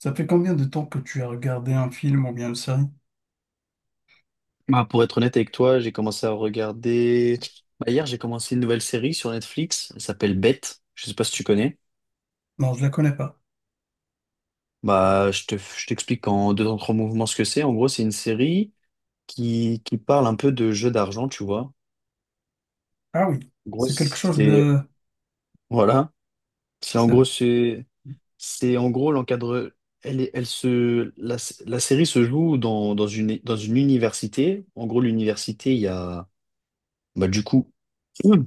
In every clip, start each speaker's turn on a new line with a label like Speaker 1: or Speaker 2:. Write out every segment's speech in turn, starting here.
Speaker 1: Ça fait combien de temps que tu as regardé un film ou bien une série?
Speaker 2: Bah, pour être honnête avec toi, j'ai commencé à regarder. Bah, hier, j'ai commencé une nouvelle série sur Netflix. Elle s'appelle Bête. Je sais pas si tu connais.
Speaker 1: Non, je la connais pas.
Speaker 2: Bah, je t'explique en deux en trois mouvements ce que c'est. En gros, c'est une série qui parle un peu de jeu d'argent, tu vois.
Speaker 1: Ah oui,
Speaker 2: En gros,
Speaker 1: c'est quelque chose
Speaker 2: c'est
Speaker 1: de.
Speaker 2: voilà. C'est en
Speaker 1: c'est-
Speaker 2: gros c'est c'est en gros l'encadre. Elle la série se joue dans une université. En gros, l'université, il y a bah, du coup il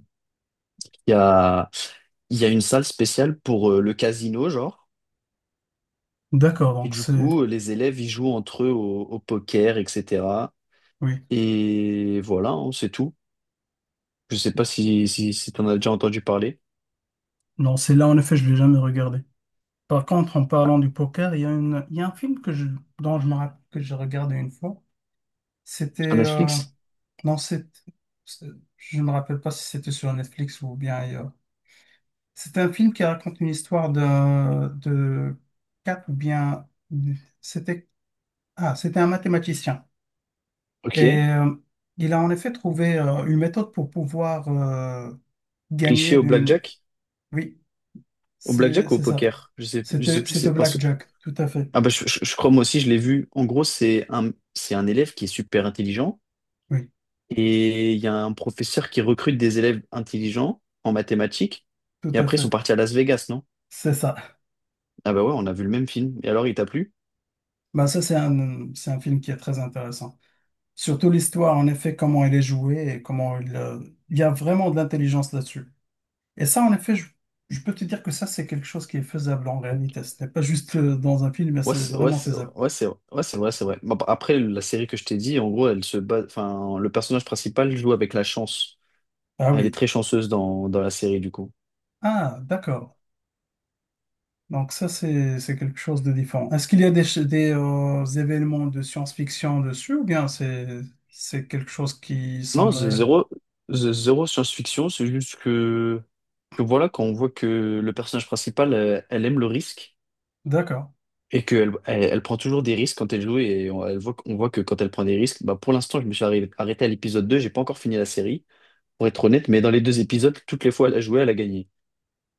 Speaker 2: y a il y a une salle spéciale pour le casino, genre.
Speaker 1: D'accord,
Speaker 2: Et
Speaker 1: donc
Speaker 2: du
Speaker 1: c'est.
Speaker 2: coup, les élèves, ils jouent entre eux au poker, etc.
Speaker 1: Oui.
Speaker 2: Et voilà, hein, c'est tout. Je sais pas si t'en as déjà entendu parler.
Speaker 1: Non, c'est là, en effet, je l'ai jamais regardé. Par contre, en parlant du poker, il y a une, il y a un film que je, dont je me rappelle que j'ai regardé une fois. C'était.
Speaker 2: À Netflix?
Speaker 1: Non, c'est. c'est- Je me rappelle pas si c'était sur Netflix ou bien ailleurs. C'était un film qui raconte une histoire de. Quatre ou bien. C'était. Ah, c'était un mathématicien.
Speaker 2: Ok.
Speaker 1: Et il a en effet trouvé une méthode pour pouvoir
Speaker 2: Cliché
Speaker 1: gagner
Speaker 2: au
Speaker 1: d'une.
Speaker 2: blackjack?
Speaker 1: Oui,
Speaker 2: Au
Speaker 1: c'est
Speaker 2: blackjack ou au
Speaker 1: c'est ça.
Speaker 2: poker? Je sais
Speaker 1: C'était
Speaker 2: plus,
Speaker 1: c'était
Speaker 2: c'est pas ce...
Speaker 1: Blackjack, tout à fait.
Speaker 2: Ah bah, je crois moi aussi, je l'ai vu. En gros, c'est un élève qui est super intelligent.
Speaker 1: Oui,
Speaker 2: Et il y a un professeur qui recrute des élèves intelligents en mathématiques.
Speaker 1: tout
Speaker 2: Et
Speaker 1: à
Speaker 2: après, ils
Speaker 1: fait.
Speaker 2: sont partis à Las Vegas, non?
Speaker 1: C'est ça.
Speaker 2: Ah bah ouais, on a vu le même film. Et alors, il t'a plu?
Speaker 1: Ben, ça, c'est un film qui est très intéressant. Surtout l'histoire, en effet, comment elle est jouée et comment il. Il y a vraiment de l'intelligence là-dessus. Et ça, en effet, je peux te dire que ça, c'est quelque chose qui est faisable en réalité. Ce n'est pas juste dans un film, mais
Speaker 2: Ouais,
Speaker 1: c'est vraiment faisable.
Speaker 2: ouais, c'est vrai, c'est vrai. Bon, bah, après, la série que je t'ai dit, en gros, elle se base, enfin, le personnage principal joue avec la chance.
Speaker 1: Ah
Speaker 2: Elle est
Speaker 1: oui.
Speaker 2: très chanceuse dans la série, du coup.
Speaker 1: Ah, d'accord. Donc ça, c'est quelque chose de différent. Est-ce qu'il y a des événements de science-fiction dessus ou bien c'est quelque chose qui
Speaker 2: Non,
Speaker 1: semble
Speaker 2: The
Speaker 1: réel?
Speaker 2: Zero, The Zero science-fiction, c'est juste que voilà, quand on voit que le personnage principal, elle, aime le risque
Speaker 1: D'accord.
Speaker 2: et qu'elle elle, elle prend toujours des risques quand elle joue et elle voit, on voit que quand elle prend des risques, bah, pour l'instant, je me suis arrêté à l'épisode 2. J'ai pas encore fini la série, pour être honnête, mais dans les deux épisodes, toutes les fois elle a joué, elle a gagné.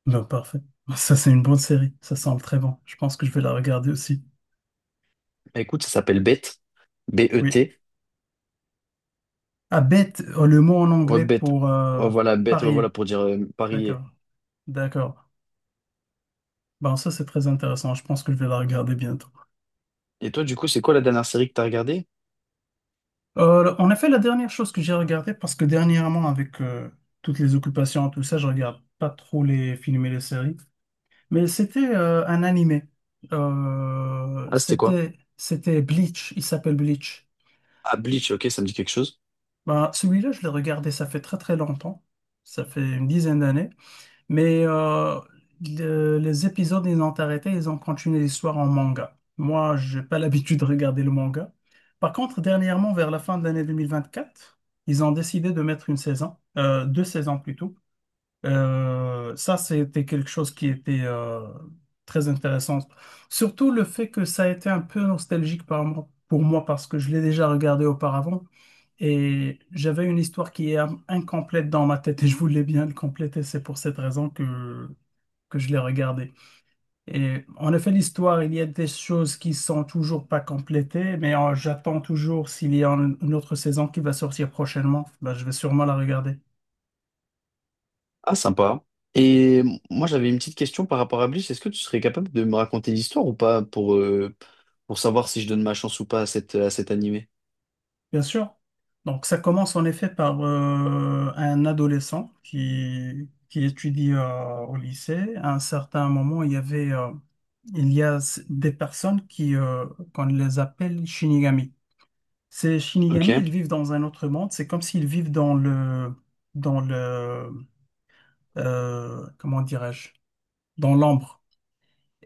Speaker 1: Ben, parfait. Ça, c'est une bonne série. Ça semble très bon. Je pense que je vais la regarder aussi.
Speaker 2: Bah, écoute, ça s'appelle Bet,
Speaker 1: Oui.
Speaker 2: B-E-T,
Speaker 1: Ah, bet, le mot en
Speaker 2: ouais,
Speaker 1: anglais
Speaker 2: Bet.
Speaker 1: pour
Speaker 2: Oh, voilà, Bet, ouais, voilà,
Speaker 1: parier.
Speaker 2: pour dire parier.
Speaker 1: D'accord. D'accord. Ben, ça, c'est très intéressant. Je pense que je vais la regarder bientôt.
Speaker 2: Et toi, du coup, c'est quoi la dernière série que t'as regardée?
Speaker 1: En effet, la dernière chose que j'ai regardée, parce que dernièrement, avec toutes les occupations, tout ça, je regarde pas trop les films et les séries. Mais c'était un animé.
Speaker 2: Ah, c'était quoi?
Speaker 1: C'était Bleach. Il s'appelle Bleach.
Speaker 2: Ah,
Speaker 1: Il-
Speaker 2: Bleach, ok, ça me dit quelque chose.
Speaker 1: Ben, celui-là, je l'ai regardé, ça fait très très longtemps. Ça fait une dizaine d'années. Mais les épisodes, ils ont arrêté, ils ont continué l'histoire en manga. Moi, j'ai pas l'habitude de regarder le manga. Par contre, dernièrement, vers la fin de l'année 2024, ils ont décidé de mettre une saison, deux saisons plutôt. Ça, c'était quelque chose qui était très intéressant. Surtout le fait que ça a été un peu nostalgique pour moi parce que je l'ai déjà regardé auparavant et j'avais une histoire qui est incomplète dans ma tête et je voulais bien le compléter. C'est pour cette raison que je l'ai regardé. Et en effet, l'histoire, il y a des choses qui sont toujours pas complétées, mais j'attends toujours s'il y a une autre saison qui va sortir prochainement. Ben, je vais sûrement la regarder.
Speaker 2: Ah, sympa. Et moi, j'avais une petite question par rapport à Bleach. Est-ce que tu serais capable de me raconter l'histoire ou pas pour, pour savoir si je donne ma chance ou pas à à cet animé?
Speaker 1: Bien sûr. Donc ça commence en effet par un adolescent qui étudie au lycée. À un certain moment, il y a des personnes qu'on les appelle Shinigami. Ces
Speaker 2: Ok,
Speaker 1: Shinigami, ils vivent dans un autre monde. C'est comme s'ils vivent dans le, comment dirais-je, dans l'ombre.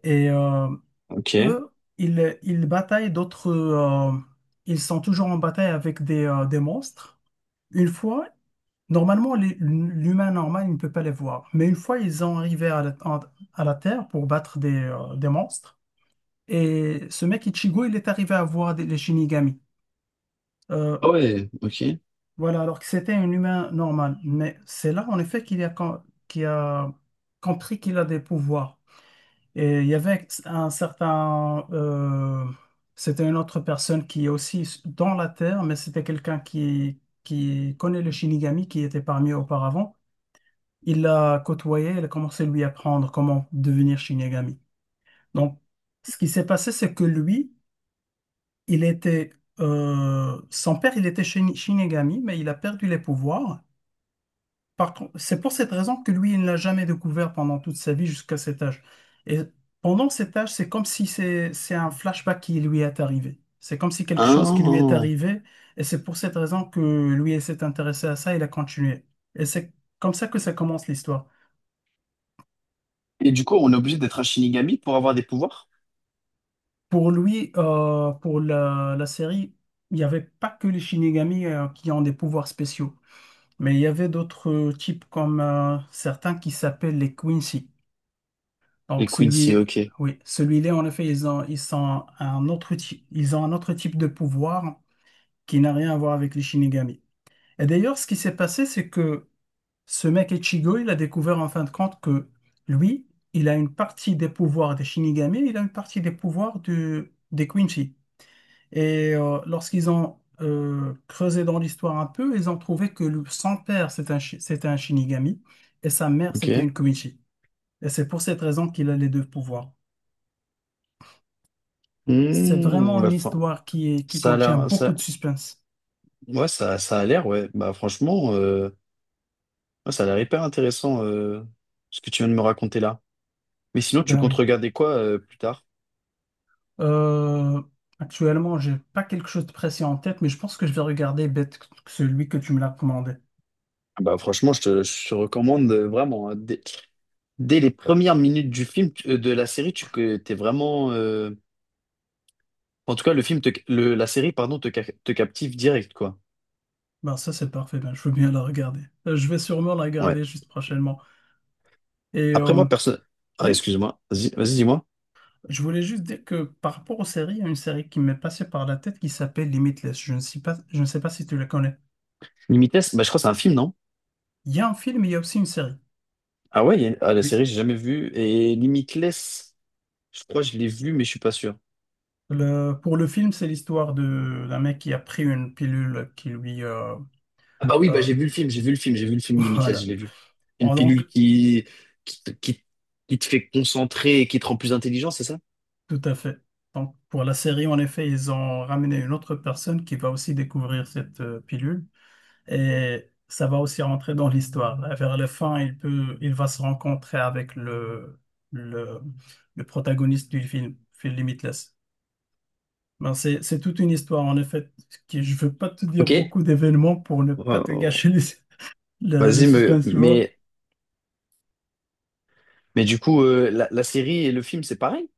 Speaker 1: Et
Speaker 2: ok.
Speaker 1: eux, ils bataillent d'autres. Ils sont toujours en bataille avec des monstres. Une fois, Normalement, l'humain normal il ne peut pas les voir. Mais une fois, ils ont arrivé à la Terre pour battre des monstres. Et ce mec Ichigo, il est arrivé à voir les Shinigami. Euh,
Speaker 2: Ah ouais, ok.
Speaker 1: voilà, alors que c'était un humain normal. Mais c'est là, en effet, qu'il a compris qu'il a des pouvoirs. Et il y avait c'était une autre personne qui est aussi dans la Terre, mais c'était quelqu'un qui connaît les Shinigami, qui était parmi eux auparavant. Il l'a côtoyé, il a commencé à lui apprendre comment devenir Shinigami. Donc, ce qui s'est passé, c'est que lui, il était, son père, il était Shinigami, mais il a perdu les pouvoirs. Par contre, c'est pour cette raison que lui, il ne l'a jamais découvert pendant toute sa vie jusqu'à cet âge. Et pendant cet âge, c'est comme si c'est un flashback qui lui est arrivé. C'est comme si quelque chose qui lui est
Speaker 2: Ah.
Speaker 1: arrivé, et c'est pour cette raison que lui, il s'est intéressé à ça, il a continué. Et c'est comme ça que ça commence l'histoire.
Speaker 2: Et du coup, on est obligé d'être un Shinigami pour avoir des pouvoirs?
Speaker 1: Pour lui, pour la série, il n'y avait pas que les Shinigami qui ont des pouvoirs spéciaux, mais il y avait d'autres types comme certains qui s'appellent les Quincy.
Speaker 2: Les
Speaker 1: Donc
Speaker 2: Quincy,
Speaker 1: celui,
Speaker 2: ok.
Speaker 1: oui, celui-là, en effet, ils ont, ils sont un autre type, ils ont un autre type de pouvoir qui n'a rien à voir avec les Shinigami. Et d'ailleurs, ce qui s'est passé, c'est que ce mec Ichigo, il a découvert en fin de compte que lui, il a une partie des pouvoirs des Shinigami, il a une partie des pouvoirs des Quincy. Et lorsqu'ils ont creusé dans l'histoire un peu, ils ont trouvé que son père, c'était c'était un Shinigami et sa mère,
Speaker 2: Ok.
Speaker 1: c'était une Kumichi. Et c'est pour cette raison qu'il a les deux pouvoirs. C'est
Speaker 2: Hmm,
Speaker 1: vraiment une
Speaker 2: bah,
Speaker 1: histoire qui
Speaker 2: ça a
Speaker 1: contient
Speaker 2: l'air,
Speaker 1: beaucoup
Speaker 2: ça,
Speaker 1: de suspense.
Speaker 2: ouais, ça a l'air, ouais. Bah, franchement, ouais, ça a l'air hyper intéressant, ce que tu viens de me raconter là. Mais sinon, tu
Speaker 1: Ben
Speaker 2: comptes
Speaker 1: oui.
Speaker 2: regarder quoi, plus tard?
Speaker 1: Euh, actuellement, j'ai pas quelque chose de précis en tête, mais je pense que je vais regarder Bête que celui que tu me l'as commandé.
Speaker 2: Ah bah, franchement, je te recommande vraiment, hein, dès les premières minutes du film, de la série, tu que t'es vraiment. En tout cas, le film, te, le, la série, pardon, te captive direct, quoi.
Speaker 1: Ben ça, c'est parfait. Ben, je veux bien la regarder. Je vais sûrement la
Speaker 2: Ouais.
Speaker 1: regarder juste prochainement. Et
Speaker 2: Après, moi, personne. Ah,
Speaker 1: oui.
Speaker 2: excuse-moi. Vas-y, vas-y, dis-moi.
Speaker 1: Je voulais juste dire que par rapport aux séries, il y a une série qui m'est passée par la tête qui s'appelle Limitless. Je ne sais pas si tu la connais.
Speaker 2: Limites, bah, je crois que c'est un film, non?
Speaker 1: Il y a un film, il y a aussi une série.
Speaker 2: Ah ouais, il y a- une- ah, la
Speaker 1: Oui.
Speaker 2: série, j'ai jamais vu. Et Limitless, je crois que je l'ai vu, mais je suis pas sûr.
Speaker 1: Pour le film, c'est l'histoire de d'un mec qui a pris une pilule qui lui.
Speaker 2: Ah bah oui, bah
Speaker 1: Euh,
Speaker 2: j'ai vu le film Limitless,
Speaker 1: voilà.
Speaker 2: je l'ai vu. Une
Speaker 1: Bon, donc,
Speaker 2: pilule qui, te- qui, qui te fait concentrer et qui te rend plus intelligent, c'est ça?
Speaker 1: tout à fait. Donc, pour la série, en effet, ils ont ramené une autre personne qui va aussi découvrir cette pilule. Et ça va aussi rentrer dans l'histoire. Là, vers la fin, il va se rencontrer avec le, le protagoniste du film, Phil Limitless. Ben, c'est toute une histoire, en effet, qui, je veux pas te dire
Speaker 2: Ok.
Speaker 1: beaucoup d'événements pour ne pas
Speaker 2: Euh,
Speaker 1: te gâcher le
Speaker 2: vas-y,
Speaker 1: suspense, tu vois.
Speaker 2: mais du coup, la série et le film, c'est pareil?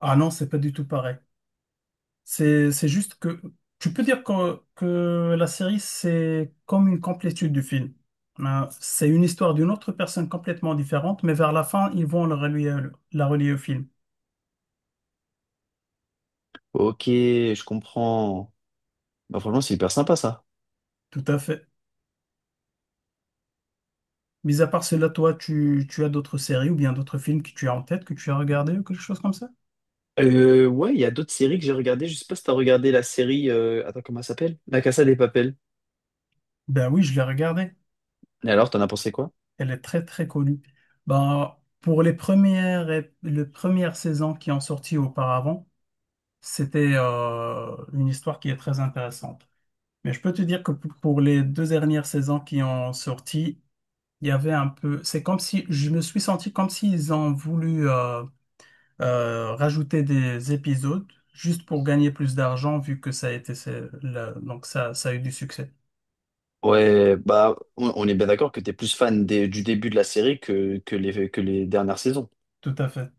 Speaker 1: Ah non, c'est pas du tout pareil. C'est juste que, tu peux dire que la série, c'est comme une complétude du film. Ben, c'est une histoire d'une autre personne complètement différente, mais vers la fin, ils vont le relier, la relier au film.
Speaker 2: Ok, je comprends. Bah, franchement, c'est hyper sympa ça.
Speaker 1: Tout à fait. Mis à part cela, toi, tu as d'autres séries ou bien d'autres films que tu as en tête, que tu as regardé ou quelque chose comme ça?
Speaker 2: Ouais, il y a d'autres séries que j'ai regardées. Je sais pas si t'as regardé la série. Attends, comment elle s'appelle? La Casa des Papel.
Speaker 1: Ben oui, je l'ai regardée.
Speaker 2: Et alors, t'en as pensé quoi?
Speaker 1: Elle est très très connue. Ben, pour les premières saisons qui ont sorti auparavant, c'était une histoire qui est très intéressante. Mais je peux te dire que pour les deux dernières saisons qui ont sorti, il y avait un peu. C'est comme si je me suis senti comme s'ils ont voulu. Rajouter des épisodes juste pour gagner plus d'argent vu que ça a été donc ça a eu du succès.
Speaker 2: Ouais, bah, on est bien d'accord que t'es plus fan du début de la série que que les dernières saisons.
Speaker 1: Tout à fait.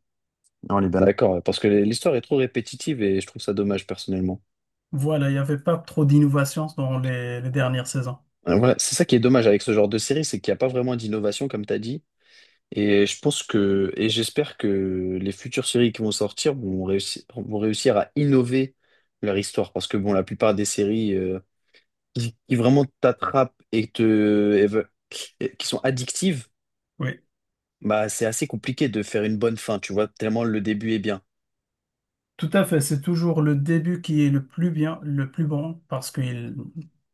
Speaker 2: On est bien d'accord, parce que l'histoire est trop répétitive et je trouve ça dommage personnellement.
Speaker 1: Voilà, il n'y avait pas trop d'innovations dans les dernières saisons.
Speaker 2: Voilà, c'est ça qui est dommage avec ce genre de série, c'est qu'il n'y a pas vraiment d'innovation comme t'as dit. Et je pense que, et j'espère que les futures séries qui vont sortir vont réussir à innover leur histoire, parce que bon, la plupart des séries qui vraiment t'attrapent et et ve- et qui sont addictives.
Speaker 1: Oui.
Speaker 2: Bah, c'est assez compliqué de faire une bonne fin, tu vois, tellement le début est bien.
Speaker 1: Tout à fait, c'est toujours le début qui est le plus bien, le plus bon, parce qu'il,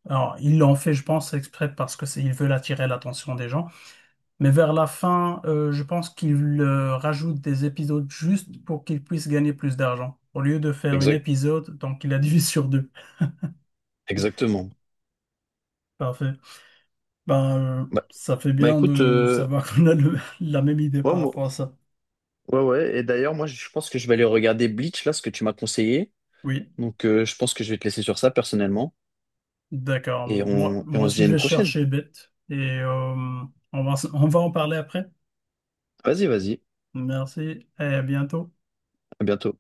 Speaker 1: alors, il l'en fait, je pense, exprès parce que c'est, ils veulent attirer l'attention des gens. Mais vers la fin, je pense qu'il rajoutent des épisodes juste pour qu'il puisse gagner plus d'argent. Au lieu de faire une
Speaker 2: Exact,
Speaker 1: épisode, donc il a divisé sur deux.
Speaker 2: exactement.
Speaker 1: Parfait. Ben,
Speaker 2: Bah,
Speaker 1: ça fait
Speaker 2: bah
Speaker 1: bien
Speaker 2: écoute,
Speaker 1: de savoir qu'on a la même idée
Speaker 2: ouais,
Speaker 1: par rapport à ça.
Speaker 2: ouais, ouais. Et d'ailleurs, moi, je pense que je vais aller regarder Bleach, là, ce que tu m'as conseillé.
Speaker 1: Oui,
Speaker 2: Donc, je pense que je vais te laisser sur ça, personnellement.
Speaker 1: d'accord. Moi,
Speaker 2: Et
Speaker 1: moi
Speaker 2: on se dit
Speaker 1: aussi,
Speaker 2: à
Speaker 1: je
Speaker 2: une
Speaker 1: vais
Speaker 2: prochaine.
Speaker 1: chercher bête et on va en parler après.
Speaker 2: Vas-y, vas-y.
Speaker 1: Merci et à bientôt.
Speaker 2: À bientôt.